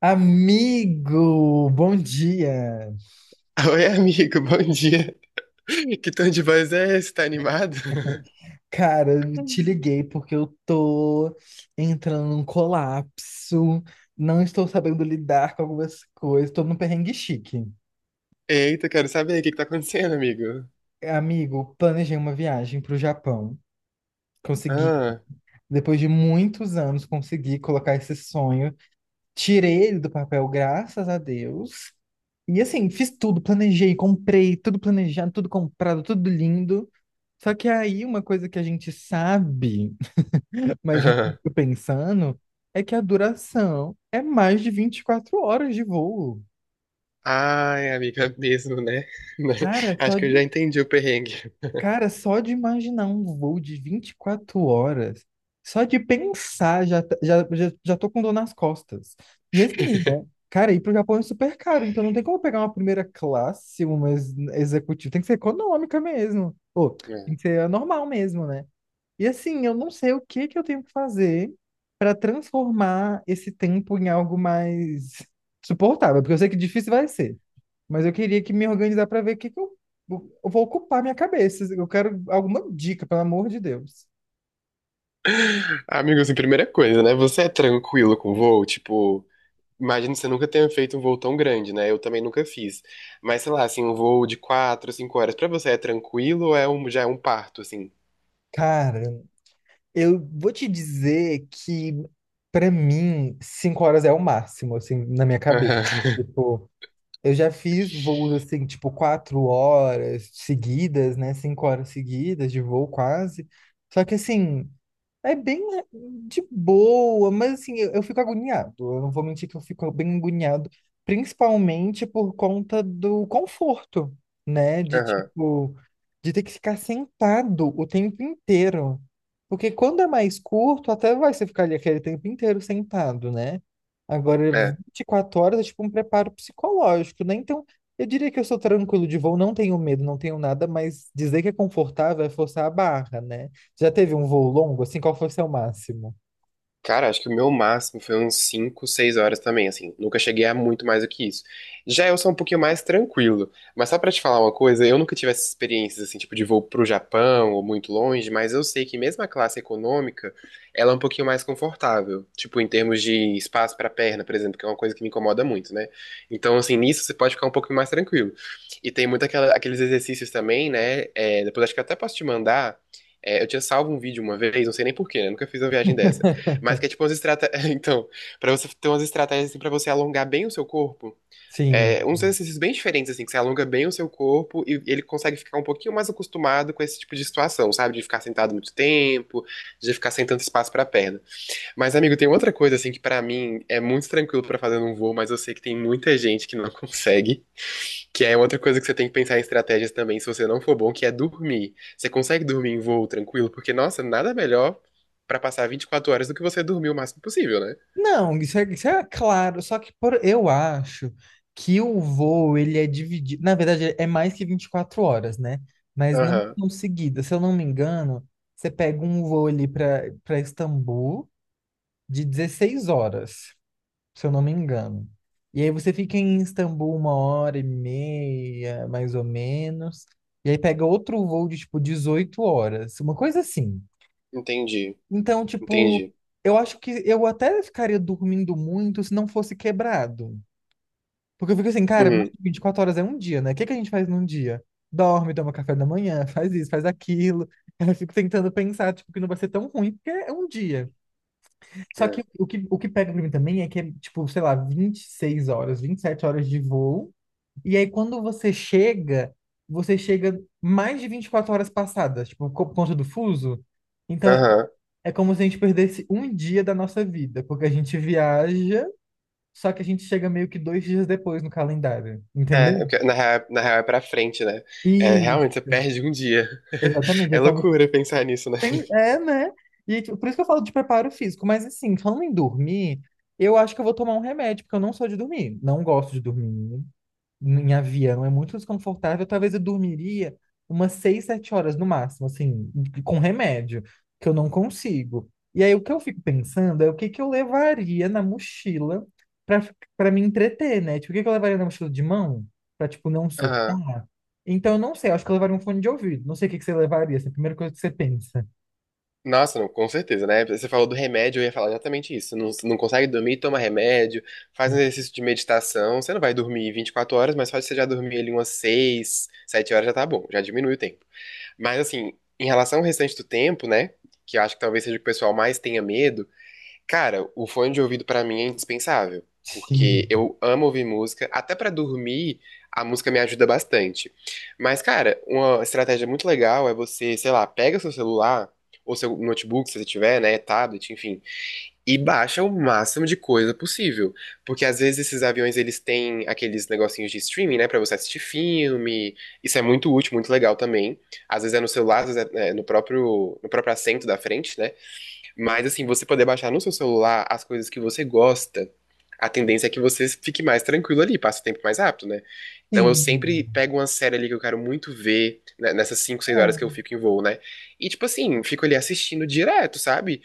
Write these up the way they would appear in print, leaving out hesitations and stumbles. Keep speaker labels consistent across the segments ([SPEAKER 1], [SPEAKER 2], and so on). [SPEAKER 1] Amigo, bom dia.
[SPEAKER 2] Oi, amigo, bom dia. Que tom de voz é esse? Tá animado?
[SPEAKER 1] Cara, eu te liguei porque eu tô entrando num colapso, não estou sabendo lidar com algumas coisas, tô num perrengue chique.
[SPEAKER 2] Eita, quero saber o que que tá acontecendo, amigo.
[SPEAKER 1] Amigo, planejei uma viagem pro Japão. Consegui,
[SPEAKER 2] Ah,
[SPEAKER 1] depois de muitos anos, consegui colocar esse sonho. Tirei ele do papel, graças a Deus. E assim, fiz tudo, planejei, comprei, tudo planejado, tudo comprado, tudo lindo. Só que aí, uma coisa que a gente sabe, mas a gente
[SPEAKER 2] ah.
[SPEAKER 1] fica pensando é que a duração é mais de 24 horas de voo.
[SPEAKER 2] Ai, amiga, mesmo, né?
[SPEAKER 1] Cara,
[SPEAKER 2] Acho
[SPEAKER 1] só
[SPEAKER 2] que eu já
[SPEAKER 1] de.
[SPEAKER 2] entendi o perrengue.
[SPEAKER 1] Cara, só de imaginar um voo de 24 horas, só de pensar, já, tá- já, já, já tô com dor nas costas. E assim, né, cara, ir pro Japão é super caro, então não tem como pegar uma primeira classe, uma executiva, tem que ser econômica mesmo. Ou tem
[SPEAKER 2] É.
[SPEAKER 1] que ser a normal mesmo, né? E assim, eu não sei o que que eu tenho que fazer para transformar esse tempo em algo mais suportável, porque eu sei que difícil vai ser. Mas eu queria que me organizar para ver o que que eu vou ocupar minha cabeça. Eu quero alguma dica, pelo amor de Deus.
[SPEAKER 2] Amigo, assim, primeira coisa, né? Você é tranquilo com voo? Tipo, imagino que você nunca tenha feito um voo tão grande, né? Eu também nunca fiz. Mas, sei lá, assim, um voo de 4, 5 horas, pra você é tranquilo ou já é um parto, assim?
[SPEAKER 1] Cara, eu vou te dizer que para mim 5 horas é o máximo, assim, na minha cabeça.
[SPEAKER 2] Aham,
[SPEAKER 1] Tipo, eu já fiz voos assim, tipo, 4 horas seguidas, né? 5 horas seguidas de voo quase. Só que assim, é bem né, de boa, mas assim, eu fico agoniado. Eu não vou mentir que eu fico bem agoniado, principalmente por conta do conforto, né? De
[SPEAKER 2] aham,
[SPEAKER 1] tipo, de ter que ficar sentado o tempo inteiro. Porque quando é mais curto, até vai você ficar ali aquele tempo inteiro sentado, né? Agora,
[SPEAKER 2] é.
[SPEAKER 1] 24 horas é tipo um preparo psicológico, né? Então, eu diria que eu sou tranquilo de voo, não tenho medo, não tenho nada, mas dizer que é confortável é forçar a barra, né? Já teve um voo longo, assim, qual foi o seu máximo?
[SPEAKER 2] Cara, acho que o meu máximo foi uns 5, 6 horas também, assim. Nunca cheguei a muito mais do que isso. Já eu sou um pouquinho mais tranquilo. Mas só pra te falar uma coisa, eu nunca tive essas experiências, assim, tipo de voo pro Japão ou muito longe, mas eu sei que mesmo a classe econômica, ela é um pouquinho mais confortável. Tipo, em termos de espaço pra perna, por exemplo, que é uma coisa que me incomoda muito, né? Então, assim, nisso você pode ficar um pouco mais tranquilo. E tem muito aqueles exercícios também, né? É, depois acho que eu até posso te mandar. É, eu tinha salvo um vídeo uma vez, não sei nem porquê, né? Nunca fiz uma viagem dessa. Mas que é tipo umas estratégias. Então, pra você ter umas estratégias assim, pra você alongar bem o seu corpo.
[SPEAKER 1] Sim.
[SPEAKER 2] É, uns exercícios bem diferentes, assim, que você alonga bem o seu corpo e ele consegue ficar um pouquinho mais acostumado com esse tipo de situação, sabe? De ficar sentado muito tempo, de ficar sem tanto espaço pra perna. Mas, amigo, tem outra coisa, assim, que pra mim é muito tranquilo pra fazer num voo, mas eu sei que tem muita gente que não consegue, que é outra coisa que você tem que pensar em estratégias também, se você não for bom, que é dormir. Você consegue dormir em voo tranquilo? Porque, nossa, nada melhor pra passar 24 horas do que você dormir o máximo possível, né?
[SPEAKER 1] Não, isso é claro, só que por, eu acho que o voo, ele é dividido, na verdade, é mais que 24 horas, né? Mas não
[SPEAKER 2] Aham,
[SPEAKER 1] tão seguida, se eu não me engano, você pega um voo ali para Istambul de 16 horas, se eu não me engano. E aí você fica em Istambul 1 hora e meia, mais ou menos, e aí pega outro voo de, tipo, 18 horas, uma coisa assim.
[SPEAKER 2] entendi,
[SPEAKER 1] Então, tipo,
[SPEAKER 2] entendi.
[SPEAKER 1] eu acho que eu até ficaria dormindo muito se não fosse quebrado. Porque eu fico assim, cara, mais
[SPEAKER 2] Uhum,
[SPEAKER 1] de 24 horas é um dia, né? O que que a gente faz num dia? Dorme, toma café da manhã, faz isso, faz aquilo. Aí eu fico tentando pensar, tipo, que não vai ser tão ruim, porque é um dia. Só
[SPEAKER 2] é.
[SPEAKER 1] que o que pega pra mim também é que é, tipo, sei lá, 26 horas, 27 horas de voo. E aí, quando você chega mais de 24 horas passadas, tipo, por conta do fuso. Então,
[SPEAKER 2] Aham.
[SPEAKER 1] é como se a gente perdesse um dia da nossa vida, porque a gente viaja, só que a gente chega meio que 2 dias depois no calendário,
[SPEAKER 2] É,
[SPEAKER 1] entendeu?
[SPEAKER 2] porque na real é pra frente, né? É, realmente, você
[SPEAKER 1] Isso,
[SPEAKER 2] perde um dia.
[SPEAKER 1] exatamente.
[SPEAKER 2] É
[SPEAKER 1] É como se.
[SPEAKER 2] loucura pensar nisso, né?
[SPEAKER 1] É, né? E tipo, por isso que eu falo de preparo físico, mas assim, falando em dormir, eu acho que eu vou tomar um remédio, porque eu não sou de dormir, não gosto de dormir. Em avião é muito desconfortável. Talvez eu dormiria umas 6, 7 horas no máximo, assim, com remédio, que eu não consigo. E aí o que eu fico pensando é o que que eu levaria na mochila para para me entreter, né? Tipo, o que que eu levaria na mochila de mão para tipo não
[SPEAKER 2] Aham.
[SPEAKER 1] surtar? Então eu não sei, eu acho que eu levaria um fone de ouvido. Não sei o que que você levaria, assim, a primeira coisa que você pensa.
[SPEAKER 2] Nossa, não, com certeza, né? Você falou do remédio, eu ia falar exatamente isso. Não, não consegue dormir, toma remédio, faz um exercício de meditação. Você não vai dormir 24 horas, mas só de você já dormir ali umas 6, 7 horas já tá bom, já diminui o tempo. Mas assim, em relação ao restante do tempo, né? Que eu acho que talvez seja o que o pessoal mais tenha medo. Cara, o fone de ouvido pra mim é indispensável, porque
[SPEAKER 1] Sim.
[SPEAKER 2] eu amo ouvir música, até pra dormir, a música me ajuda bastante. Mas, cara, uma estratégia muito legal é você, sei lá, pega seu celular ou seu notebook, se você tiver, né, tablet, enfim, e baixa o máximo de coisa possível, porque às vezes esses aviões eles têm aqueles negocinhos de streaming, né, pra você assistir filme. Isso é muito útil, muito legal também. Às vezes é no celular, às vezes no próprio assento da frente, né? Mas assim, você poder baixar no seu celular as coisas que você gosta, a tendência é que você fique mais tranquilo ali, passe o tempo mais rápido, né? Então eu
[SPEAKER 1] Sim.
[SPEAKER 2] sempre pego uma série ali que eu quero muito ver, né, nessas 5, 6 horas que
[SPEAKER 1] É.
[SPEAKER 2] eu fico em voo, né? E tipo assim, fico ali assistindo direto, sabe?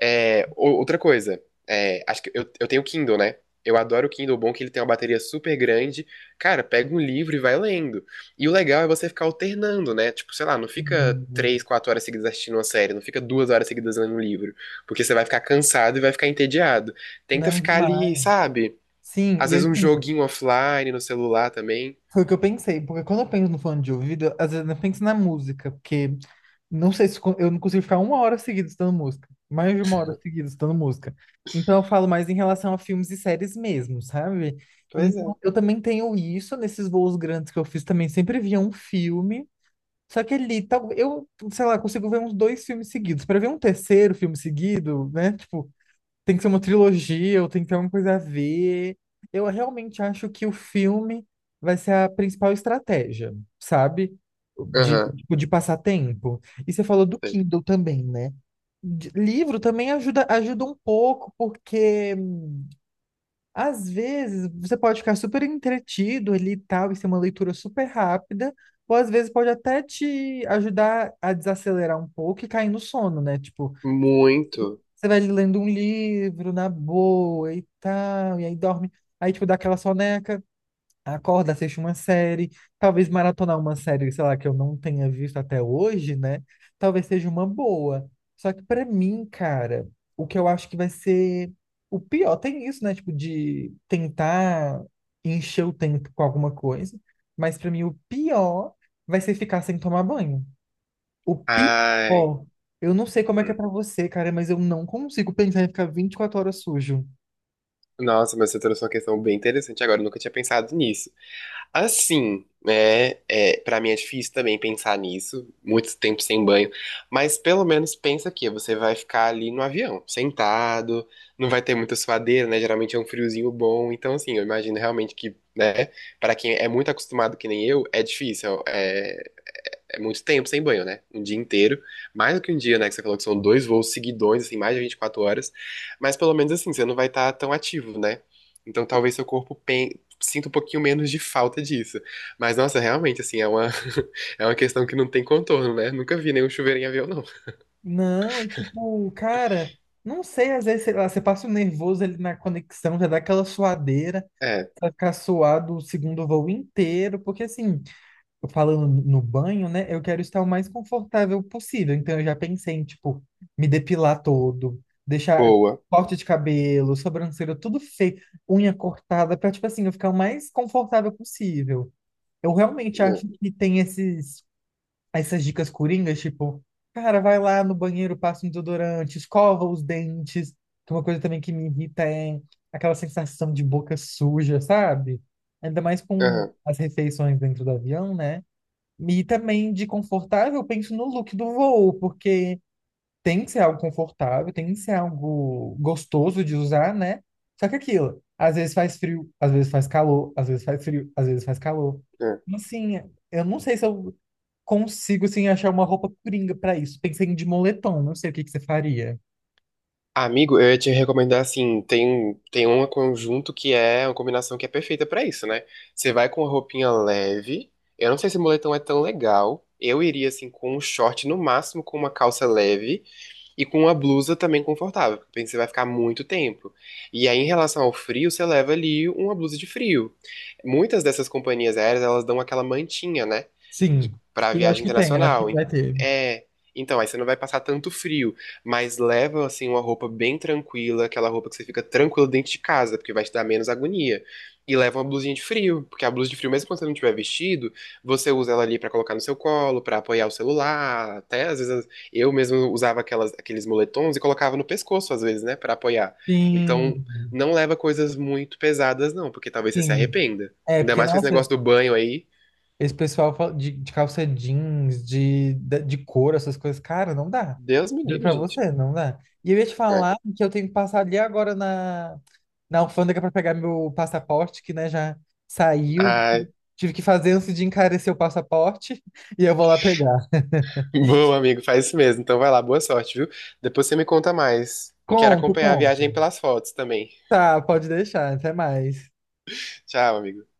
[SPEAKER 2] É, outra coisa, é, acho que eu tenho Kindle, né? Eu adoro o Kindle, bom é que ele tem uma bateria super grande. Cara, pega um livro e vai lendo. E o legal é você ficar alternando, né? Tipo, sei lá, não fica três,
[SPEAKER 1] Sim.
[SPEAKER 2] quatro horas seguidas assistindo uma série, não fica 2 horas seguidas lendo um livro. Porque você vai ficar cansado e vai ficar entediado. Tenta
[SPEAKER 1] Não
[SPEAKER 2] ficar ali,
[SPEAKER 1] demais.
[SPEAKER 2] sabe?
[SPEAKER 1] Sim,
[SPEAKER 2] Às
[SPEAKER 1] e
[SPEAKER 2] vezes um
[SPEAKER 1] assim,
[SPEAKER 2] joguinho offline no celular também.
[SPEAKER 1] foi o que eu pensei, porque quando eu penso no fone de ouvido, às vezes eu penso na música, porque não sei se eu não consigo ficar 1 hora seguida estudando música, mais de 1 hora seguida estudando música. Então eu falo mais em relação a filmes e séries mesmo, sabe?
[SPEAKER 2] Pois é.
[SPEAKER 1] Então eu também tenho isso nesses voos grandes que eu fiz também, sempre via um filme, só que ali, tal, eu, sei lá, consigo ver uns dois filmes seguidos. Para ver um terceiro filme seguido, né? Tipo, tem que ser uma trilogia, ou tem que ter alguma coisa a ver. Eu realmente acho que o filme vai ser a principal estratégia, sabe? De,
[SPEAKER 2] Aham,
[SPEAKER 1] tipo, de passar tempo. E você falou do
[SPEAKER 2] sei.
[SPEAKER 1] Kindle também, né? Livro também ajuda, ajuda um pouco, porque às vezes você pode ficar super entretido ali e tal, e ser uma leitura super rápida, ou às vezes pode até te ajudar a desacelerar um pouco e cair no sono, né? Tipo,
[SPEAKER 2] Muito.
[SPEAKER 1] você vai lendo um livro na boa e tal, e aí dorme. Aí, tipo, dá aquela soneca, acorda, assiste uma série. Talvez maratonar uma série, sei lá, que eu não tenha visto até hoje, né? Talvez seja uma boa. Só que pra mim, cara, o que eu acho que vai ser o pior, tem isso, né? Tipo, de tentar encher o tempo com alguma coisa. Mas pra mim, o pior vai ser ficar sem tomar banho. O
[SPEAKER 2] Ai.
[SPEAKER 1] pior, eu não sei como é que é
[SPEAKER 2] Hum.
[SPEAKER 1] pra você, cara, mas eu não consigo pensar em ficar 24 horas sujo.
[SPEAKER 2] Nossa, mas você trouxe uma questão bem interessante agora. Eu nunca tinha pensado nisso. Assim, né? É, para mim é difícil também pensar nisso, muito tempo sem banho, mas pelo menos pensa que você vai ficar ali no avião, sentado, não vai ter muita suadeira, né? Geralmente é um friozinho bom, então assim, eu imagino realmente que, né? Para quem é muito acostumado que nem eu, é difícil, é muito tempo sem banho, né? Um dia inteiro. Mais do que um dia, né? Que você falou que são dois voos seguidões, assim, mais de 24 horas. Mas pelo menos assim, você não vai estar tão ativo, né? Então talvez seu corpo sinta um pouquinho menos de falta disso. Mas, nossa, realmente, assim, é uma, é uma questão que não tem contorno, né? Nunca vi nenhum chuveiro em avião, não.
[SPEAKER 1] Não, é tipo, cara, não sei, às vezes, sei lá, você passa o nervoso ali na conexão, já dá aquela suadeira,
[SPEAKER 2] É,
[SPEAKER 1] vai ficar suado o segundo voo inteiro, porque assim, eu falando no banho, né, eu quero estar o mais confortável possível, então eu já pensei em, tipo, me depilar todo, deixar
[SPEAKER 2] boa.
[SPEAKER 1] corte de cabelo, sobrancelha, tudo feio, unha cortada, pra, tipo assim, eu ficar o mais confortável possível. Eu realmente
[SPEAKER 2] É,
[SPEAKER 1] acho que tem essas dicas coringas, tipo, cara, vai lá no banheiro, passa um desodorante, escova os dentes, que é uma coisa também que me irrita é aquela sensação de boca suja, sabe? Ainda mais com
[SPEAKER 2] aham,
[SPEAKER 1] as refeições dentro do avião, né? E também de confortável, eu penso no look do voo, porque tem que ser algo confortável, tem que ser algo gostoso de usar, né? Só que aquilo, às vezes faz frio, às vezes faz calor, às vezes faz frio, às vezes faz calor.
[SPEAKER 2] é.
[SPEAKER 1] Então, assim, eu não sei se eu consigo, assim, achar uma roupa coringa pra isso. Pensei em de moletom, não sei o que que você faria.
[SPEAKER 2] Amigo, eu ia te recomendar assim, tem um conjunto que é uma combinação que é perfeita pra isso, né? Você vai com uma roupinha leve. Eu não sei se moletom é tão legal. Eu iria assim com um short no máximo com uma calça leve e com uma blusa também confortável, porque você vai ficar muito tempo. E aí em relação ao frio, você leva ali uma blusa de frio. Muitas dessas companhias aéreas, elas dão aquela mantinha, né?
[SPEAKER 1] Sim,
[SPEAKER 2] Pra
[SPEAKER 1] eu acho
[SPEAKER 2] viagem
[SPEAKER 1] que tem, eu acho que
[SPEAKER 2] internacional.
[SPEAKER 1] vai ter.
[SPEAKER 2] É, então aí você não vai passar tanto frio mas leva assim uma roupa bem tranquila, aquela roupa que você fica tranquilo dentro de casa, porque vai te dar menos agonia. E leva uma blusinha de frio, porque a blusa de frio, mesmo quando você não tiver vestido, você usa ela ali pra colocar no seu colo, pra apoiar o celular, até às vezes eu mesmo usava aqueles moletons e colocava no pescoço às vezes, né, pra apoiar.
[SPEAKER 1] Sim,
[SPEAKER 2] Então, não leva coisas muito pesadas não, porque talvez você se
[SPEAKER 1] sim.
[SPEAKER 2] arrependa.
[SPEAKER 1] É,
[SPEAKER 2] Ainda
[SPEAKER 1] porque,
[SPEAKER 2] mais com esse
[SPEAKER 1] nossa,
[SPEAKER 2] negócio do banho aí.
[SPEAKER 1] esse pessoal de, calça jeans, de couro, essas coisas, cara, não dá.
[SPEAKER 2] Deus me
[SPEAKER 1] Juro
[SPEAKER 2] livre,
[SPEAKER 1] pra
[SPEAKER 2] gente.
[SPEAKER 1] você, não dá. E eu ia te
[SPEAKER 2] É.
[SPEAKER 1] falar que eu tenho que passar ali agora na alfândega pra pegar meu passaporte, que, né, já saiu.
[SPEAKER 2] Ah,
[SPEAKER 1] Tive que fazer antes de encarecer o passaporte e eu vou lá pegar.
[SPEAKER 2] bom, amigo, faz isso mesmo. Então vai lá, boa sorte, viu? Depois você me conta mais. Quero
[SPEAKER 1] Conto,
[SPEAKER 2] acompanhar a
[SPEAKER 1] conto.
[SPEAKER 2] viagem pelas fotos também.
[SPEAKER 1] Tá, pode deixar. Até mais.
[SPEAKER 2] Tchau, amigo.